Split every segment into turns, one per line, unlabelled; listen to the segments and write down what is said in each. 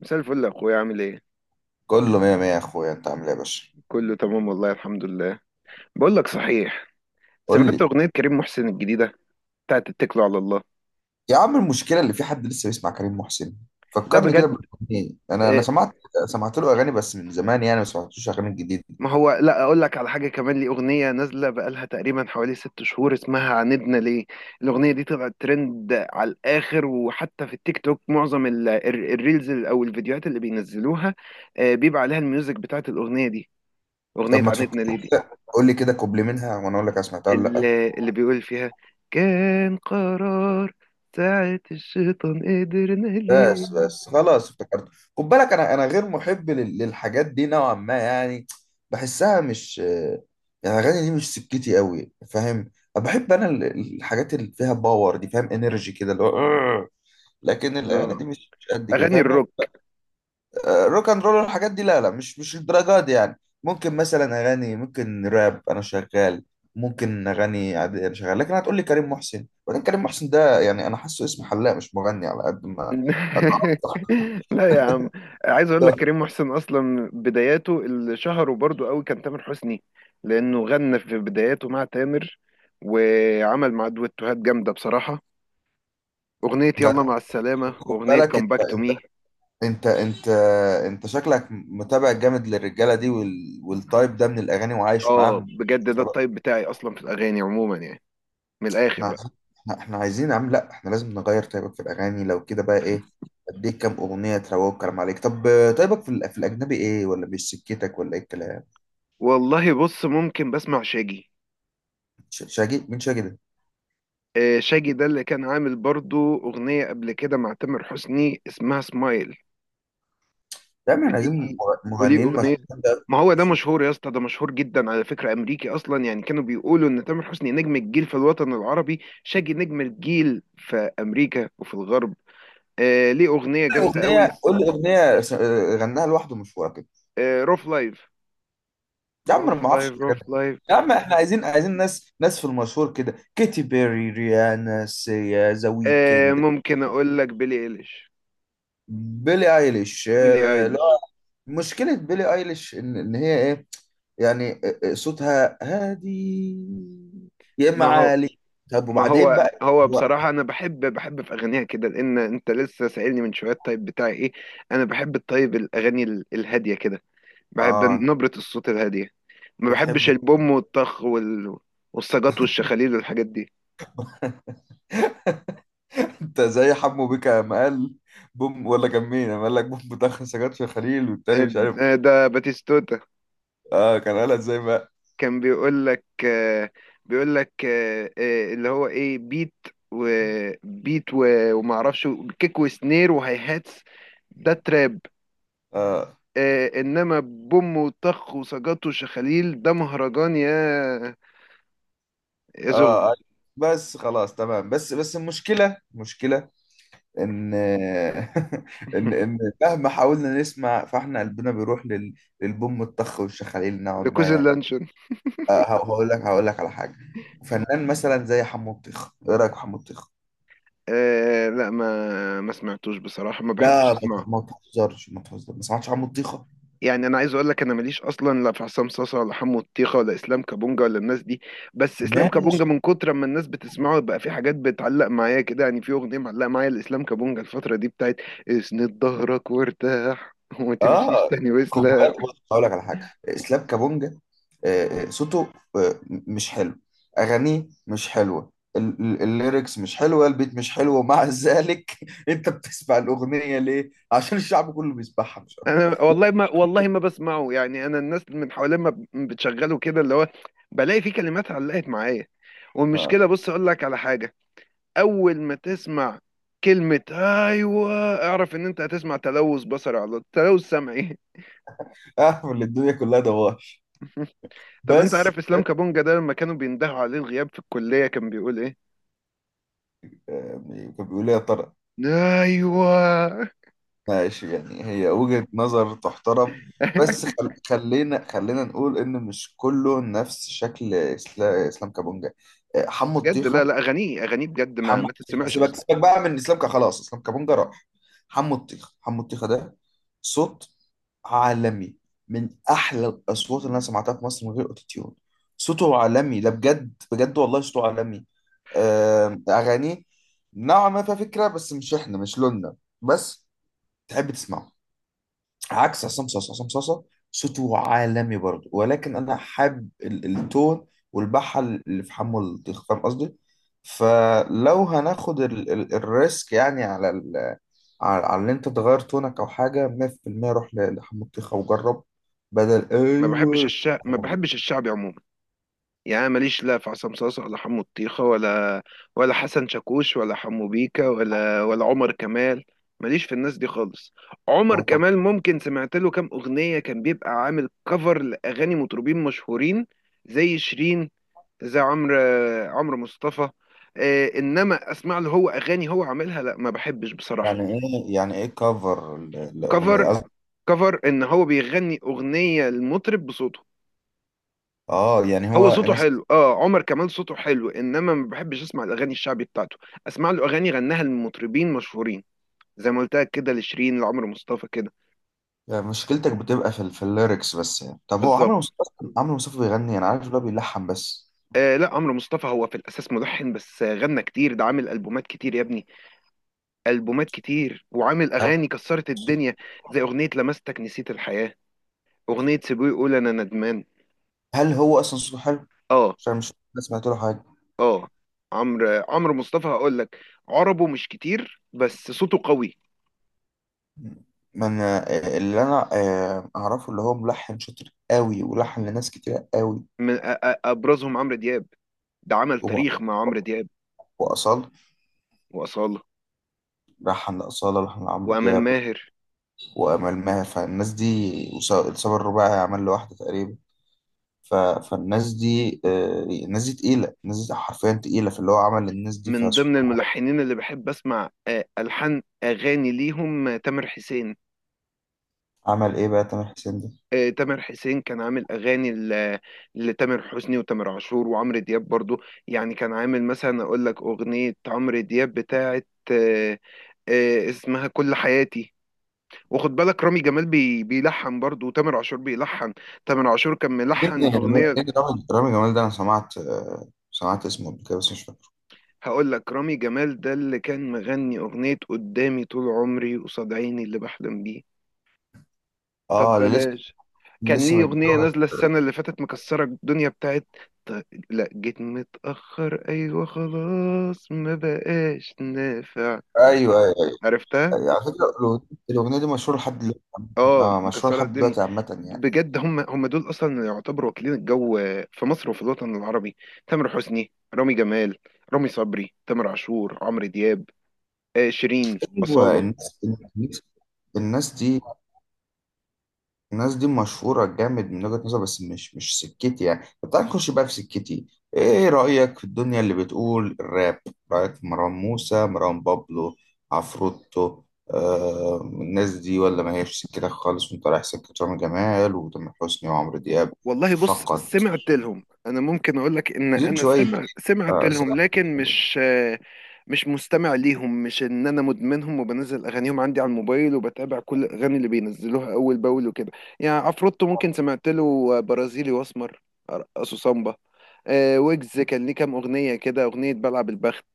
مساء الفل يا اخويا، عامل ايه؟
كله مية مية يا اخويا، انت عامل ايه يا باشا؟
كله تمام والله، الحمد لله. بقول لك صحيح،
قول
سمعت
لي.
اغنيه كريم محسن الجديده بتاعت اتكلوا على الله؟
يا عم المشكله اللي في، حد لسه بيسمع كريم محسن؟
لا
فكرني كده
بجد.
بالاغنيه. انا
إيه،
سمعت له اغاني بس من زمان، يعني ما سمعتوش اغاني جديده.
ما هو لا اقول لك على حاجه كمان، لي اغنيه نازله بقالها تقريبا حوالي 6 شهور اسمها عاندنا ليه. الاغنيه دي طلعت ترند على الاخر، وحتى في التيك توك معظم الريلز او الفيديوهات اللي بينزلوها بيبقى عليها الميوزك بتاعت الاغنيه دي،
طب
اغنيه
ما
عاندنا ليه
تفكر
دي.
كده، قول لي كده كوبلي منها وانا اقول لك انا سمعتها ولا لا.
اللي بيقول فيها كان قرار ساعة الشيطان، قدرنا ليه.
بس بس خلاص، افتكرت. خد بالك، انا غير محب للحاجات دي نوعا ما يعني. بحسها، مش يعني الاغاني دي مش سكتي قوي، فاهم؟ بحب انا الحاجات اللي فيها باور دي، فاهم؟ انرجي كده، اللي هو. لكن الاغاني
اه،
دي مش قد كده،
اغاني
فاهم يعني.
الروك.
روك اند رول والحاجات دي لا لا، مش الدرجات دي، يعني ممكن مثلا اغاني، ممكن راب انا شغال، ممكن اغاني عادي انا شغال. لكن هتقول لي كريم محسن؟ وبعدين كريم محسن ده، يعني انا حاسه اسم حلاق مش مغني على قد ما.
لا يا عم، عايز اقول
ده
لك كريم محسن اصلا بداياته اللي شهره برضو قوي كان تامر حسني، لانه غنى في بداياته مع تامر وعمل مع دويتوهات جامده بصراحه. اغنيه
ده
يلا مع السلامه،
خد
اغنيه
بالك.
كم باك تو مي.
انت انت انت شكلك متابع جامد للرجاله دي، والتايب ده من الاغاني وعايش
اه
معاهم.
بجد، ده التايب بتاعي اصلا في الاغاني عموما يعني، من الاخر.
احنا احنا عايزين، عم لا احنا لازم نغير طيبك في الاغاني، لو كده بقى ايه؟ اديك كام اغنيه تروق الكلام عليك؟ طب طيبك في الاجنبي ايه؟ ولا مش سكتك؟ ولا ايه الكلام؟
والله بص، ممكن بسمع شاجي.
شاجي؟ مين شاجي ده؟
شاجي ده اللي كان عامل برضو أغنية قبل كده مع تامر حسني اسمها سمايل.
يا عم احنا
وليه؟
عايزين
وليه
مغنيين مش،
أغنية؟
قول لي.
ما هو ده مشهور يا اسطى، ده مشهور جدا على فكرة، أمريكي أصلا يعني. كانوا بيقولوا إن تامر حسني نجم الجيل في الوطن العربي، شاجي نجم الجيل في أمريكا وفي الغرب. آه ليه، أغنية جامدة
اغنيه،
قوي.
قول لي اغنيه غناها لوحده، مشهوره كده.
آه روف لايف،
يا عم انا
روف
ما
لايف،
اعرفش
روف
الحاجات دي.
لايف.
يا عم احنا عايزين ناس، ناس في المشهور كده: كيتي بيري، ريانا، سيا، ذا
آه
ويكند.
ممكن أقول لك بيلي إيليش.
بيلي ايليش؟
بيلي
آه، لا.
إيليش.
مشكله بيلي ايليش إن هي ايه يعني، صوتها هادي يا اما
ما هو
عالي. طب
ما
وبعدين
هو
بقى؟
هو
هو
بصراحة أنا بحب في أغانيها كده، لأن أنت لسه سائلني من شوية الطيب بتاعي إيه. أنا بحب الطيب، الأغاني الهادية كده، بحب
اه،
نبرة الصوت الهادية. ما
بتحب؟
بحبش البوم والطخ والسجاط والشخاليل والحاجات دي.
انت زي حمو بيكا لما قال بوم، ولا كان مين لما قال لك بوم بتاخر سجاد في الخليل والتاني
آه،
مش عارف؟
ده باتيستوتا.
اه كان قالها ازاي بقى؟
كان بيقول لك، بيقول لك اللي هو إيه، بيت وبيت ومعرفش، كيك وسنير وهاي هاتس. ده تراب.
اه.
آه انما بوم وطخ وسجاته وشخاليل ده مهرجان، يا زغل.
اه. آه. بس خلاص تمام. بس بس المشكله، مشكله ان ان ان مهما حاولنا نسمع، فاحنا قلبنا بيروح للبوم الطخ والشخاليل نوعا ما
ركوز
يعني.
اللانشون.
هقول لك على حاجه. فنان مثلا زي حمو الطيخه، ايه رايك في حمو الطيخه؟
آه لا، ما سمعتوش بصراحه، ما بحبش
لا ما
اسمعه،
ما تهزرش، ما تهزرش، ما سمعتش حمو الطيخه؟
يعني انا عايز اقول لك انا ماليش اصلا، لا في عصام صاصا ولا حمو الطيخه ولا اسلام كابونجا ولا الناس دي. بس اسلام
ماشي.
كابونجا من كتر ما الناس بتسمعه بقى، في حاجات بتعلق معايا كده، يعني في اغنيه معلقه معايا لاسلام كابونجا الفتره دي بتاعت اسند ظهرك وارتاح، وما تمشيش
اه،
تاني
خد
وسلا.
بالك، بص، هقول لك على حاجه. اسلام كابونجا، صوته مش حلو، اغانيه مش حلوه، الليركس مش حلوه، البيت مش حلو، ومع ذلك انت بتسمع الاغنيه ليه؟ عشان الشعب كله بيسمعها، مش اكتر.
انا
لا،
والله ما، والله ما بسمعه، يعني انا الناس من حوالين ما بتشغله كده اللي هو، بلاقي فيه كلمات علقت معايا.
اه،
والمشكله، بص اقول لك على حاجه، اول ما تسمع كلمه ايوه اعرف ان انت هتسمع تلوث بصري على تلوث سمعي.
اعرف ان الدنيا كلها دواش.
طب انت
بس
عارف اسلام كابونجا ده لما كانوا بيندهوا عليه الغياب في الكليه كان بيقول ايه؟
آه، كان بيقول لي يا ترى.
ايوه.
ماشي يعني، هي وجهة نظر تحترم. بس خلينا نقول ان مش كله نفس شكل اسلام كابونجا حمو
بجد لا
الطيخة.
لا، اغانيه اغانيه بجد ما
حمو
ما
الطيخة
تتسمعش
سيبك
اصلا.
سيبك بقى من اسلام خلاص، اسلام كابونجا راح. حمو الطيخة، حمو الطيخة ده صوت عالمي، من احلى الاصوات اللي انا سمعتها في مصر من غير اوتوتيون. صوته عالمي ده، بجد بجد والله صوته عالمي. اغانيه نوعا ما فيها فكرة، بس مش احنا، مش لوننا، بس تحب تسمعه. عكس عصام صاصا. عصام صاصا صوته عالمي برضه، ولكن انا حابب التون والبحه اللي في حمو الطيخ، فاهم قصدي؟ فلو هناخد ال ال الريسك يعني، على على ان انت تغير تونك او حاجه، 100% روح لحمو الطيخ وجرب، بدل
ما بحبش
ايوه.
الشعب، ما بحبش الشعبي عموما، يعني أنا ماليش لا في عصام صاصا ولا حمو الطيخة ولا، ولا حسن شاكوش ولا حمو بيكا ولا عمر كمال. ماليش في الناس دي خالص. عمر
هو كان-
كمال ممكن سمعت له كام أغنية، كان بيبقى عامل كفر لأغاني مطربين مشهورين، زي شيرين، زي عمرو، عمرو مصطفى. إنما أسمع له هو أغاني هو عاملها، لا ما بحبش بصراحة.
يعني ايه، يعني ايه كفر الاغنيه،
كفر،
قصدي،
كفر إن هو بيغني أغنية المطرب بصوته.
اه، يعني
هو
هو
صوته
مثلا؟
حلو، اه، عمر كمال صوته حلو، انما ما بحبش اسمع الاغاني الشعبي بتاعته. اسمع له اغاني غناها لمطربين مشهورين، زي ما قلت لك كده، لشيرين، لعمرو مصطفى كده.
مشكلتك بتبقى في في الليركس بس يعني؟ طب هو عمرو
بالظبط.
مصطفى، عمرو مصطفى بيغني؟ انا عارف اللي هو بيلحن بس.
آه لا، عمرو مصطفى هو في الاساس ملحن بس، غنى كتير، ده عامل البومات كتير يا ابني. البومات كتير وعامل
هل
اغاني كسرت الدنيا، زي اغنيه لمستك نسيت الحياه، اغنيه سيبوي يقول انا ندمان.
هل هو اصلا صوته حلو؟
اه.
عشان مش، أنا سمعت له حاجه؟
اه، عمرو مصطفى هقول لك، عربه مش كتير بس صوته قوي.
ما انا، اللي انا اعرفه اللي هو ملحن شاطر قوي ولحن لناس كتير قوي،
من ابرزهم عمرو دياب، ده عمل
هو.
تاريخ مع عمرو دياب.
واصال؟
وأصالة
لحن لاصاله، لحن لعمرو
وأمال
دياب
ماهر.
وامال ماهر. فالناس دي، الصبر الرباعي عمل له واحده تقريبا. فالناس دي الناس دي تقيله، الناس دي حرفيا تقيله في اللي هو عمل للناس دي،
من ضمن
فسبحان
الملحنين اللي بحب أسمع ألحان أغاني ليهم، تامر حسين.
الله. عمل ايه بقى تامر حسين ده
تامر حسين كان عامل أغاني لتامر حسني وتامر عاشور وعمرو دياب برضو. يعني كان عامل مثلا أقول لك أغنية عمرو دياب بتاعت، اسمها كل حياتي. واخد بالك، رامي جمال بيلحن برضه، وتامر عاشور بيلحن. تامر عاشور كان ملحن
يعني؟
أغنية.
رامي جمال ده، انا سمعت، سمعت اسمه قبل كده بس مش فاكره.
هقول لك رامي جمال ده اللي كان مغني أغنية قدامي طول عمري، قصاد عيني اللي بحلم بيه. طب
اه اللي،
بلاش، كان
لسه
ليه أغنية
متجوز.
نازلة السنة اللي فاتت مكسرة الدنيا بتاعت، لا، جيت متأخر أيوة خلاص ما بقاش نافع.
ايوه، ايوه،
عرفتها؟
أيوة. على فكره، الأغنية دي مشهوره لحد دلوقتي.
اه،
اه مشهوره
مكسرة
لحد
الدنيا.
دلوقتي عامه يعني.
بجد هم دول اصلا اللي يعتبروا واكلين الجو في مصر وفي الوطن العربي. تامر حسني، رامي جمال، رامي صبري، تامر عاشور، عمرو دياب، شيرين،
ايوه،
أصالة.
الناس دي الناس دي مشهوره جامد من وجهه نظر، بس مش سكتي يعني. طب تعالى نخش بقى في سكتي. ايه رايك في الدنيا اللي بتقول الراب؟ رايك في مروان موسى، مروان بابلو، عفروتو؟ آه الناس دي ولا ما هيش سكتك خالص، وانت رايح سكه رامي جمال وتامر حسني وعمرو دياب؟
والله بص،
فقط،
سمعت لهم انا، ممكن اقول لك ان
زين
انا
شويه،
سمعت
آه،
لهم لكن مش مستمع ليهم، مش ان انا مدمنهم وبنزل اغانيهم عندي على الموبايل وبتابع كل الاغاني اللي بينزلوها اول باول وكده. يعني عفروتو ممكن سمعت له برازيلي واسمر، ارقصه سامبا. ويجز كان ليه كام اغنيه كده، اغنيه بلعب البخت،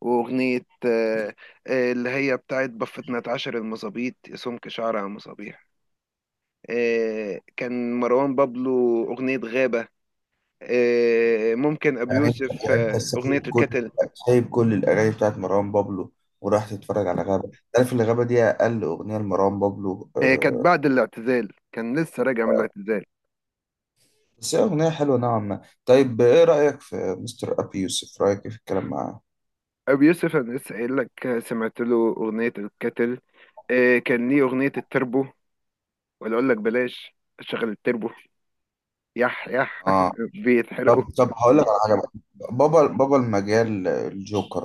واغنيه آه، اللي هي بتاعت بفتنا اتعشر المظابيط يا سمك شعر على المصابيح. كان مروان بابلو أغنية غابة. ممكن أبي
يعني انت،
يوسف
يعني انت
أغنية
سايب كل،
الكتل.
سايب كل الاغاني بتاعت مروان بابلو وراح تتفرج على غابه؟ تعرف ان غابه دي اقل اغنيه لمروان بابلو؟
هي كانت بعد الاعتزال، كان لسه راجع من الاعتزال.
بس هي اغنيه حلوه نوعا ما. طيب ايه رايك في مستر ابي يوسف؟ رايك إيه في الكلام معاه؟
أبي يوسف أنا لسه قايل لك، سمعت له أغنية الكتل. كان ليه أغنية التربو، ولا أقول لك بلاش شغل التربو. يح يح.
اه.
بيتحرقوا.
طب هقول لك على حاجه بقى. بابا المجال، الجوكر.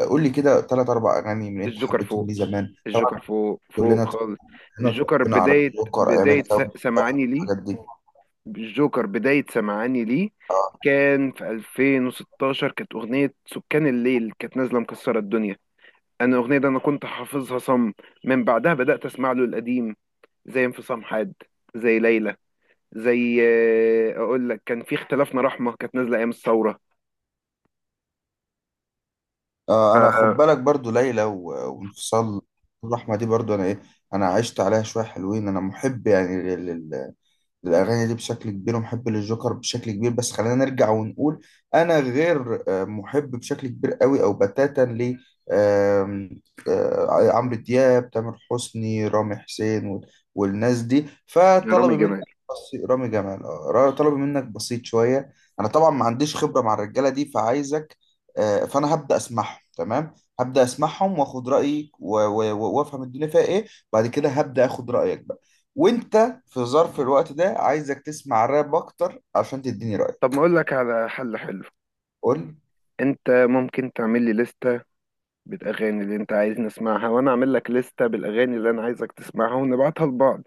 قول لي كده ثلاث اربع اغاني من اللي انت
الجوكر
حبيتهم
فوق،
ليه زمان طبعا.
الجوكر فوق فوق
كلنا
خالص.
كلنا
الجوكر
اتربينا على
بداية
الجوكر ايام
بداية س-
الثوره
سمعاني
والحاجات
ليه؟
دي.
الجوكر بداية سمعاني ليه. كان في 2016 كانت أغنية سكان الليل كانت نازلة مكسرة الدنيا. أنا الأغنية دي أنا كنت حافظها صم. من بعدها بدأت أسمع له القديم، زي انفصام حاد، زي ليلى، زي، أقول لك كان في اختلافنا رحمة كانت نازلة أيام الثورة.
آه، انا خد بالك برضو ليلى وانفصال، الرحمه دي برضو انا ايه، انا عشت عليها شويه حلوين. انا محب يعني الأغاني دي بشكل كبير، ومحب للجوكر بشكل كبير. بس خلينا نرجع ونقول، أنا غير محب بشكل كبير قوي أو بتاتا ل، آم، آه، عمرو دياب، تامر حسني، رامي حسين والناس دي.
يا
فطلبي
رامي
منك
جمال.
بسيط. رامي جمال، طلبي منك بسيط شوية. أنا طبعا ما عنديش خبرة مع الرجالة دي، فعايزك، فأنا هبدأ أسمعهم تمام، هبدأ أسمعهم وآخد رأيك، وأفهم الدنيا فيها إيه. بعد كده هبدأ آخد رأيك بقى. وأنت في ظرف الوقت ده، عايزك تسمع راب اكتر عشان تديني
طب ما
رأيك.
أقول لك على حل حلو،
قول لي.
أنت ممكن تعمل لي لستة بالأغاني اللي أنت عايز نسمعها، وأنا أعمل لك لستة بالأغاني اللي أنا عايزك تسمعها، ونبعتها لبعض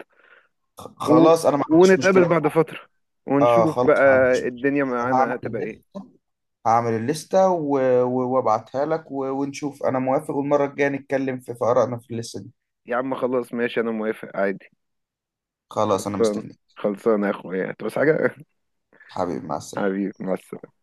و...
خلاص انا ما عنديش
ونتقابل
مشكلة.
بعد فترة،
اه
ونشوف
خلاص، ما
بقى
عنديش
الدنيا
مشكلة. هعمل
معانا هتبقى ايه.
الليستة هعمل الليستة وابعتها لك، ونشوف انا موافق، والمرة الجاية نتكلم في آرائنا في الليستة دي.
يا عم خلاص ماشي، انا موافق عادي.
خلاص انا
خلصان.
مستنيك.
خلصان يا اخويا، بس حاجة.
حبيبي، مع السلامة.
حبيبي مع السلامة.